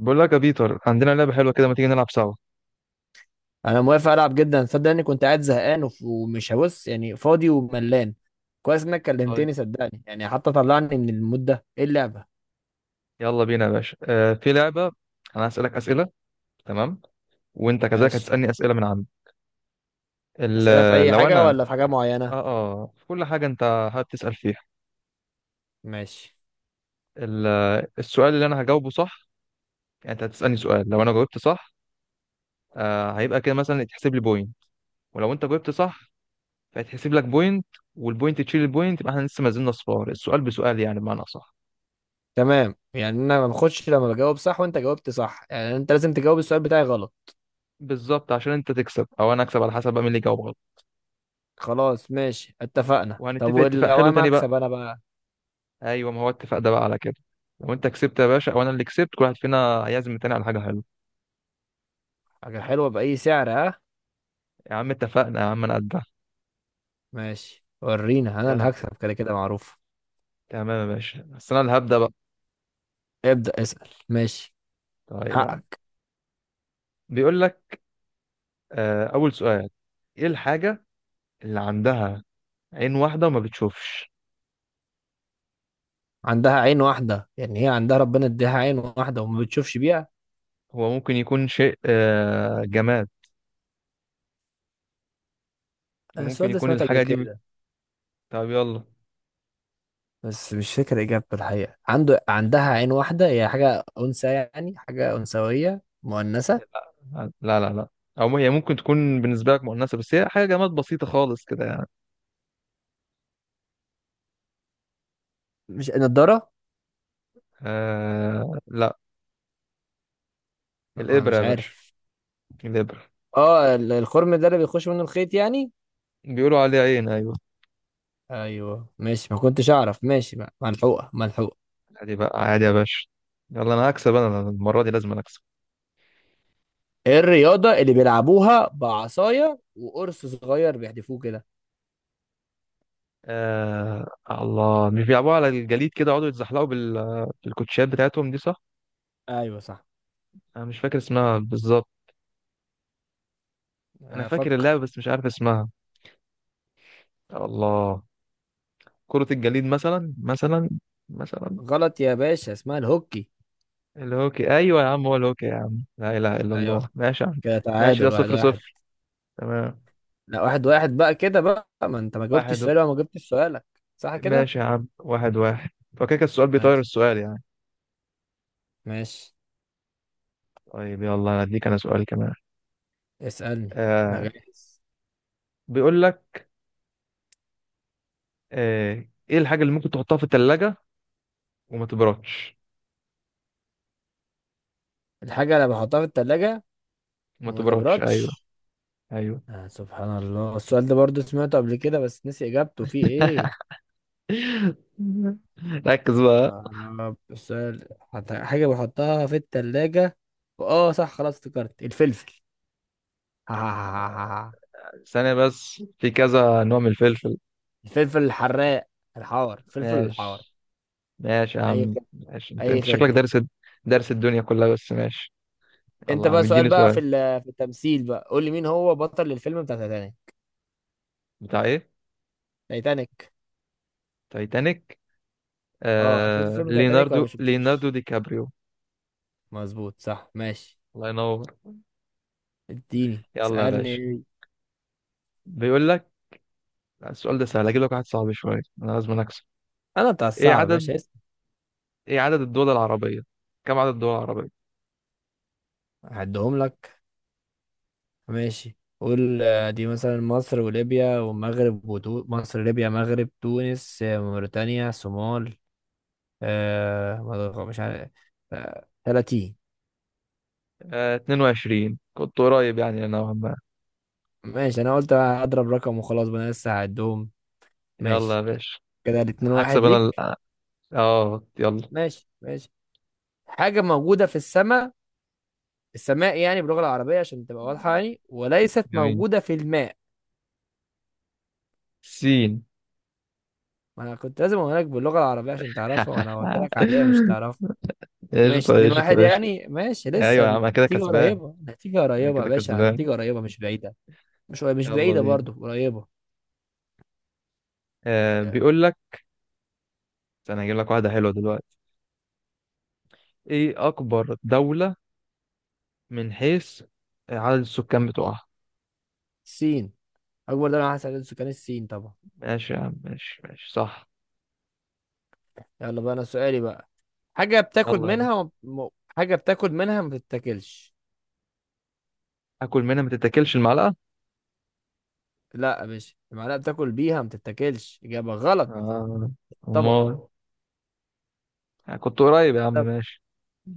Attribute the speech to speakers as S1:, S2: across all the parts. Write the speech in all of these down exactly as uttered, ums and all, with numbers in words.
S1: بقول لك يا بيتر، عندنا لعبة حلوة كده، ما تيجي نلعب سوا؟
S2: انا موافق العب جدا، صدق اني كنت قاعد زهقان وف- ومش هبص، يعني فاضي وملان. كويس انك
S1: طيب،
S2: كلمتني صدقني، يعني حتى طلعني من المود ده. ايه اللعبه؟
S1: يلا بينا يا باشا. آه في لعبة. أنا هسألك أسئلة، تمام، وأنت كذلك
S2: ماشي.
S1: هتسألني أسئلة من عندي.
S2: اسئله في
S1: ال-
S2: اي
S1: لو
S2: حاجه
S1: أنا
S2: ولا في حاجه معينه؟
S1: آه آه في كل حاجة أنت هتسأل فيها.
S2: ماشي.
S1: ال- السؤال اللي أنا هجاوبه صح، يعني أنت هتسألني سؤال، لو أنا جاوبت صح آه هيبقى كده مثلا يتحسب لي بوينت، ولو أنت جاوبت صح فيتحسب لك بوينت، والبوينت تشيل البوينت، يبقى إحنا لسه ما زلنا صفار، السؤال بسؤال يعني، بمعنى صح.
S2: تمام، يعني انا ما باخدش لما بجاوب صح وانت جاوبت صح، يعني انت لازم تجاوب السؤال بتاعي غلط.
S1: بالظبط، عشان أنت تكسب أو أنا أكسب على حسب بقى مين اللي يجاوب غلط.
S2: خلاص ماشي اتفقنا. طب
S1: وهنتفق اتفاق
S2: ولو
S1: حلو
S2: انا
S1: تاني بقى.
S2: اكسب، انا بقى؟
S1: ايوه، ما هو اتفق ده بقى على كده. لو انت كسبت يا باشا، وانا اللي كسبت، كل واحد فينا هيعزم التاني على حاجه حلوه.
S2: حاجه حلوه باي سعر، ها؟
S1: يا عم اتفقنا، يا عم انا قدها.
S2: ماشي ورينا، انا اللي
S1: يلا،
S2: هكسب كده كده معروف.
S1: تمام يا باشا، بس انا اللي هبدا بقى.
S2: ابدا اسال، ماشي.
S1: طيب يا عم،
S2: حقك.
S1: بيقول لك آه اول سؤال: ايه الحاجه اللي عندها عين واحده وما بتشوفش؟
S2: عندها عين واحدة، يعني هي عندها ربنا اديها عين واحدة وما بتشوفش بيها؟
S1: هو ممكن يكون شيء آه جماد،
S2: أنا
S1: وممكن
S2: السؤال ده
S1: يكون
S2: سمعته قبل
S1: الحاجه دي بت...
S2: كده
S1: طب يلا.
S2: بس مش فاكر إجابته. الحقيقة عنده عندها عين واحدة، هي حاجة أنثى، يعني حاجة أنثوية مؤنثة.
S1: لا، لا، لا، او هي ممكن تكون بالنسبه لك مؤنثه، بس هي حاجه جماد بسيطه خالص كده يعني.
S2: مش نضارة؟
S1: آه لا.
S2: لا، ما
S1: الابره
S2: مش
S1: يا باشا،
S2: عارف.
S1: الابره،
S2: اه، ال- الخرم ده اللي بيخش منه الخيط يعني؟
S1: بيقولوا عليها عين، ايوه.
S2: ايوه ماشي، ما كنتش اعرف. ماشي بقى، ملحوقة ملحوقة.
S1: عادي بقى، عادي يا باشا. يلا انا هكسب، انا أنا المره دي لازم أنا اكسب.
S2: ايه الرياضة اللي بيلعبوها بعصاية وقرص صغير بيحدفوه كده؟
S1: آه الله، مش بيلعبوا على الجليد كده يقعدوا يتزحلقوا بال... بالكوتشات بتاعتهم دي، صح؟
S2: ايوه صح.
S1: انا مش فاكر اسمها بالظبط. انا فاكر
S2: افكر.
S1: اللعبه بس مش عارف اسمها. الله، كره الجليد مثلا، مثلا، مثلا.
S2: غلط يا باشا، اسمها الهوكي.
S1: الهوكي، ايوه يا عم، هو الهوكي يا عم، لا اله الا الله،
S2: ايوه.
S1: ماشي يا عم.
S2: كده
S1: ماشي، ده
S2: تعادل واحد
S1: صفر
S2: واحد.
S1: صفر. تمام،
S2: لا، واحد واحد بقى كده بقى، ما انت ما جاوبتش
S1: واحد و...
S2: السؤال وما جبتش سؤالك. صح كده؟
S1: ماشي يا عم، واحد واحد. فكده كان السؤال بيطير
S2: ماشي.
S1: السؤال يعني.
S2: ماشي.
S1: طيب، يلا انا اديك انا سؤال كمان.
S2: اسألني. انا
S1: آه
S2: جاهز.
S1: بيقول لك آه، ايه الحاجة اللي ممكن تحطها في التلاجة وما تبردش؟
S2: الحاجة اللي بحطها في التلاجة
S1: ما
S2: وما
S1: تبردش، ايوه.
S2: تبردش.
S1: ايوه.
S2: آه سبحان الله، السؤال ده برضو سمعته قبل كده بس نسي اجابته فيه ايه.
S1: ركز بقى.
S2: يا رب، السؤال، حط- حاجة بحطها في التلاجة. اه صح، خلاص افتكرت الفلفل.
S1: ثانية بس، في كذا نوع من الفلفل.
S2: الفلفل الحراق، الحار، الفلفل الحار.
S1: ماشي. ماشي يا
S2: اي
S1: عم،
S2: خدمة،
S1: ماشي، انت
S2: اي
S1: انت شكلك
S2: خدمة.
S1: دارس، دارس الدنيا كلها، بس ماشي. يلا
S2: انت
S1: يا عم
S2: بقى سؤال
S1: اديني
S2: بقى،
S1: سؤال.
S2: في ال- في التمثيل بقى. قول لي مين هو بطل الفيلم بتاع تايتانيك؟
S1: بتاع ايه؟
S2: تايتانيك.
S1: تايتانيك.
S2: اه، شفت
S1: آه...
S2: فيلم تايتانيك ولا
S1: ليوناردو،
S2: ما
S1: ليوناردو
S2: شفتوش؟
S1: دي كابريو.
S2: مظبوط صح، ماشي.
S1: الله ينور.
S2: اديني
S1: يلا يا باشا،
S2: اسالني.
S1: بيقول لك: لا، السؤال ده سهل، اجيب لك واحد صعب شوية، انا لازم اكسب.
S2: انا بتاع
S1: ايه
S2: الصعب يا
S1: عدد،
S2: باشا، اسم.
S1: ايه عدد الدول العربية، كم عدد الدول العربية؟
S2: هعدهم لك. ماشي قول. آه، دي مثلا مصر وليبيا والمغرب وتو... مصر، ليبيا، مغرب، تونس، آه، موريتانيا، صومال، آه... مدغ- مش عارف. آه... ثلاثين.
S1: آه اتنين وعشرين كنت قريب يعني نوعا ما.
S2: ماشي، انا قلت هضرب رقم وخلاص بقى، انا لسه هعدهم.
S1: يلا يا
S2: ماشي.
S1: باشا،
S2: كده الاتنين واحد
S1: هكسب انا ال-
S2: ليك.
S1: اه يلا.
S2: ماشي، ماشي. حاجة موجودة في السماء. السماء يعني باللغة العربية عشان تبقى واضحة، يعني وليست
S1: جميل،
S2: موجودة في الماء.
S1: سين.
S2: ما أنا كنت لازم أقول لك باللغة العربية عشان تعرفها، وأنا قلت لك عادية مش تعرفها. ماشي
S1: قشطة،
S2: اتنين واحد
S1: قشطة، قشطة.
S2: يعني. ماشي، لسه
S1: ايوه يا عم، انا كده
S2: النتيجة
S1: كسبان،
S2: قريبة، النتيجة
S1: انا
S2: قريبة يا
S1: كده
S2: باشا،
S1: كسبان.
S2: النتيجة قريبة مش بعيدة. مش مش
S1: يلا
S2: بعيدة
S1: بينا.
S2: برضو، قريبة.
S1: آه بيقول لك: انا هجيب لك واحدة حلوة دلوقتي. ايه اكبر دولة من حيث عدد السكان بتوعها؟
S2: الصين. أكبر دولة على حسب عدد سكان، الصين طبعا.
S1: ماشي يا عم، ماشي ماشي، صح.
S2: يلا بقى أنا سؤالي بقى. حاجة بتاكل
S1: يلا يا
S2: منها
S1: باشا،
S2: وم... م- حاجة بتاكل منها ما بتتاكلش.
S1: اكل منها ما تتاكلش، المعلقة.
S2: لا يا باشا، المعلقة بتاكل بيها ما بتتاكلش، إجابة غلط.
S1: اه،
S2: طبعا.
S1: امال. يعني كنت قريب يا عم، ماشي،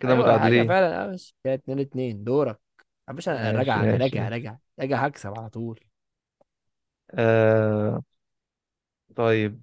S1: كده
S2: ايوه حاجه
S1: متعادلين.
S2: فعلا. اه بس كده اتنين اتنين، دورك يا باشا. انا
S1: ماشي
S2: راجع، انا
S1: ماشي
S2: راجع
S1: ماشي.
S2: راجع راجع، هكسب على طول.
S1: آه طيب،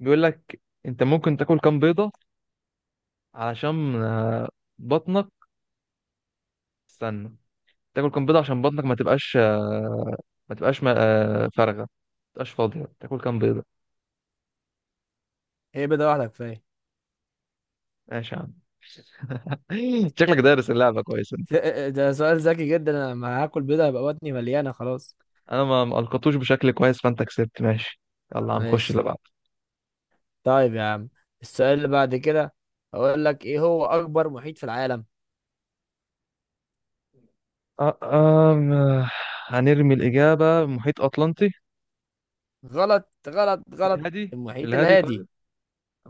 S1: بيقول لك: انت ممكن تاكل كام بيضة علشان آه، بطنك، استنى، تاكل كام بيضة عشان بطنك ما تبقاش آه، ما تبقاش ما- آه، فارغة، ما تبقاش فاضية، تاكل كام بيضة؟
S2: هي بيضه واحده كفايه.
S1: ماشي يا عم. شكلك دارس اللعبة كويس انت.
S2: ده ده سؤال ذكي جدا، انا لما هاكل بيضه هيبقى بطني مليانه خلاص.
S1: انا ما ما القطوش بشكل كويس، فانت كسبت، ماشي. يلا هنخش
S2: ماشي.
S1: اللي بعده.
S2: طيب يا عم، السؤال اللي بعد كده، هقول لك ايه هو اكبر محيط في العالم؟
S1: آه، آم، آه، هنرمي الإجابة: محيط أطلنطي.
S2: غلط غلط غلط.
S1: الهادي.
S2: المحيط
S1: الهادي،
S2: الهادي.
S1: طيب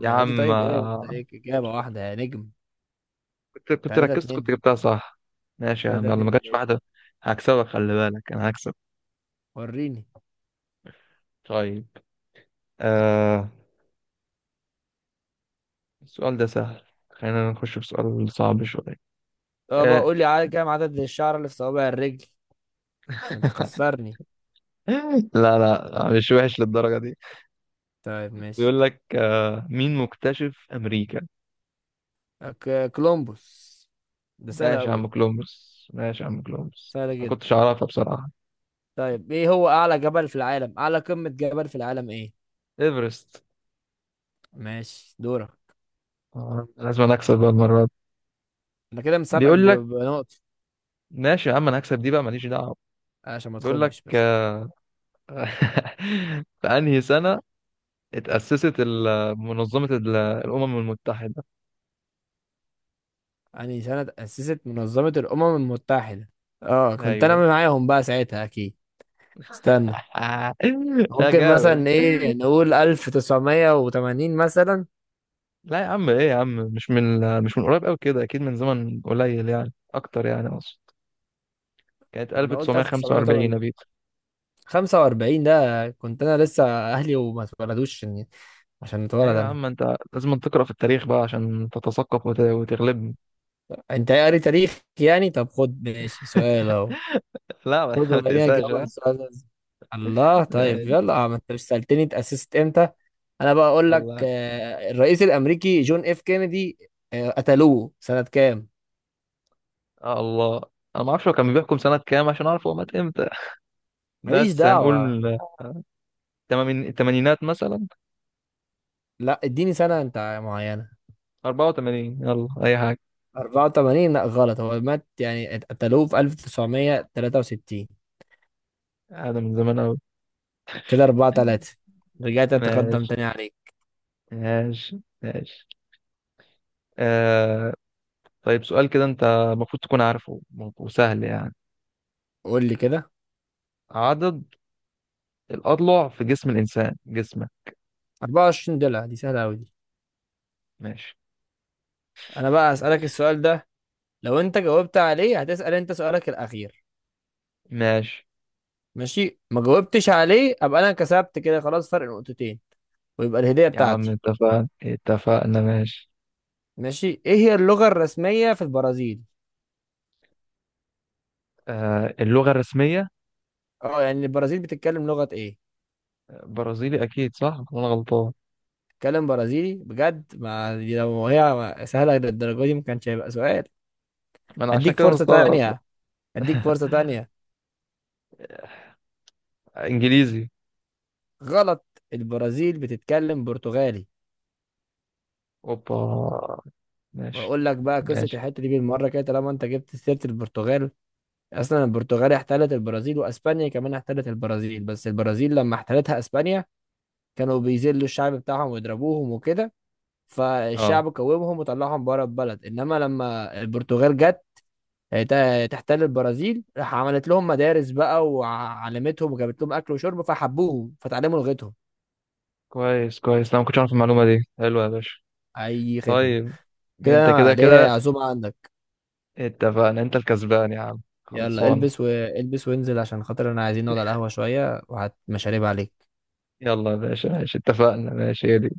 S1: يا
S2: الهادي،
S1: عم.
S2: طيب ايه؟ انت
S1: آه،
S2: ليك اجابه واحده يا نجم.
S1: كنت كنت
S2: ثلاثة
S1: ركزت كنت
S2: اتنين.
S1: جبتها صح. ماشي يا عم،
S2: تلاتة
S1: يلا ما
S2: اتنين
S1: جاتش
S2: ايه،
S1: واحدة. هكسبك، خلي بالك أنا هكسب.
S2: وريني.
S1: طيب، آه السؤال ده سهل، خلينا نخش في سؤال صعب شوية.
S2: طب
S1: آه.
S2: قول لي عدد كام عدد الشعر اللي في صوابع الرجل، عشان تخسرني؟
S1: لا لا، مش وحش للدرجة دي.
S2: طيب ماشي.
S1: بيقول لك آه مين مكتشف أمريكا؟
S2: أك- كولومبوس. ده سهلة
S1: ماشي يا عم،
S2: أوي.
S1: كولومبوس، ماشي يا عم، كولومبوس،
S2: سهلة
S1: ما
S2: جدا.
S1: كنتش أعرفها بصراحة.
S2: طيب، إيه هو أعلى جبل في العالم؟ أعلى قمة جبل في العالم إيه؟
S1: إيفرست.
S2: ماشي دورك.
S1: آه لازم أنا أكسب بقى المرة دي.
S2: أنا كده مسابقك
S1: بيقول
S2: ب-
S1: لك:
S2: بنقطة.
S1: ماشي يا عم، أنا هكسب دي بقى ماليش دعوة.
S2: عشان ما
S1: بيقول لك
S2: تخمش بس.
S1: آه، في انهي سنة اتأسست ال- منظمة ال- الأمم المتحدة؟
S2: يعني سنة أسست منظمة الأمم المتحدة؟ أه، كنت أنا
S1: ايوه.
S2: معاهم بقى ساعتها أكيد. استنى.
S1: يا
S2: ممكن
S1: جامد.
S2: مثلا إيه، نقول ألف تسعمية وتمانين مثلا؟
S1: لا يا عم، ايه يا عم، مش من مش من قريب قوي كده، اكيد من زمن قليل يعني، اكتر يعني اقصد. كانت
S2: ما أنا قلت ألف تسعمية
S1: ألف وتسعمية وخمسة وأربعين يا
S2: وتمانين
S1: بيتر.
S2: خمسة وأربعين ده كنت أنا لسه أهلي وما اتولدوش، عشان عشان أتولد
S1: ايوه يا
S2: أنا.
S1: عم، انت لازم تقرأ في التاريخ بقى عشان تتثقف وت- وتغلبني.
S2: انت ايه، قاري تاريخ يعني؟ طب خد، ماشي، سؤال اهو.
S1: لا، ما
S2: خد
S1: ما
S2: وريني
S1: تقساش
S2: اجاوب على
S1: ها.
S2: السؤال ده إزاي. الله طيب،
S1: ماشي.
S2: يلا. آه، ما انت مش سألتني اتأسست امتى. انا بقى اقول لك،
S1: الله.
S2: آه، الرئيس الامريكي جون اف كينيدي، آه، قتلوه سنة كام؟
S1: آه الله، انا ما اعرفش هو كان بيحكم سنة كام عشان اعرف هو مات امتى،
S2: ماليش
S1: بس هنقول
S2: دعوة.
S1: من التمامين- التمانينات مثلا.
S2: لا، اديني سنة انت معينة.
S1: أربعة وتمانين يلا، أي حاجة.
S2: اربعة وتمانين. لا غلط، هو مات يعني قتلوه في ألف تسعمية وتلاتة وستين.
S1: هذا من زمان أوي.
S2: كده اربعة ثلاثة. رجعت اتقدم
S1: ماشي
S2: تاني عليك.
S1: ماشي ماشي. آه طيب، سؤال كده أنت المفروض تكون عارفه وسهل يعني:
S2: قول لي كده.
S1: عدد الأضلع في جسم الإنسان، جسمه.
S2: اربعة وعشرين دولار، دي سهلة قوي دي.
S1: ماشي.
S2: انا بقى اسألك السؤال ده، لو انت جاوبت عليه هتسأل انت سؤالك الاخير.
S1: ماشي
S2: ماشي. ما جاوبتش عليه ابقى انا كسبت كده خلاص، فرق نقطتين، ويبقى الهدية
S1: يا عم،
S2: بتاعتي.
S1: اتفقنا اتفقنا، ماشي.
S2: ماشي. ايه هي اللغة الرسمية في البرازيل؟
S1: آه اللغة الرسمية،
S2: اه، يعني البرازيل بتتكلم لغة ايه؟
S1: برازيلي أكيد، صح ولا أنا غلطان؟
S2: بتتكلم برازيلي بجد؟ ما دي لو هي سهلة للدرجة دي ما كانش هيبقى سؤال.
S1: ما أنا عشان
S2: اديك
S1: كده
S2: فرصة
S1: مستغرب.
S2: تانية، اديك فرصة تانية.
S1: إنجليزي.
S2: غلط، البرازيل بتتكلم برتغالي.
S1: أوبا، ماشي
S2: بقول لك بقى قصة
S1: ماشي.
S2: الحتة دي بالمرة كده طالما انت جبت سيرة البرتغال. اصلا البرتغال احتلت البرازيل، واسبانيا كمان احتلت البرازيل، بس البرازيل لما احتلتها اسبانيا كانوا بيذلوا الشعب بتاعهم ويضربوهم وكده،
S1: أه،
S2: فالشعب قومهم وطلعهم بره البلد. انما لما البرتغال جت ت- تحتل البرازيل، راح عملت لهم مدارس بقى وعلمتهم وجابت لهم اكل وشرب فحبوهم فتعلموا لغتهم.
S1: كويس كويس، لا ما كنتش عارف المعلومة دي، حلوة يا باشا.
S2: اي خدمه.
S1: طيب،
S2: كده
S1: انت كده
S2: انا ليا
S1: كده
S2: عزومه عندك.
S1: اتفقنا، انت الكسبان يا عم،
S2: يلا
S1: خلصان.
S2: البس والبس وانزل، عشان خاطر انا عايزين نقعد على القهوه شويه وهات مشاريب عليك.
S1: يلا يا باشا، ماشي، اتفقنا، ماشي هي دي.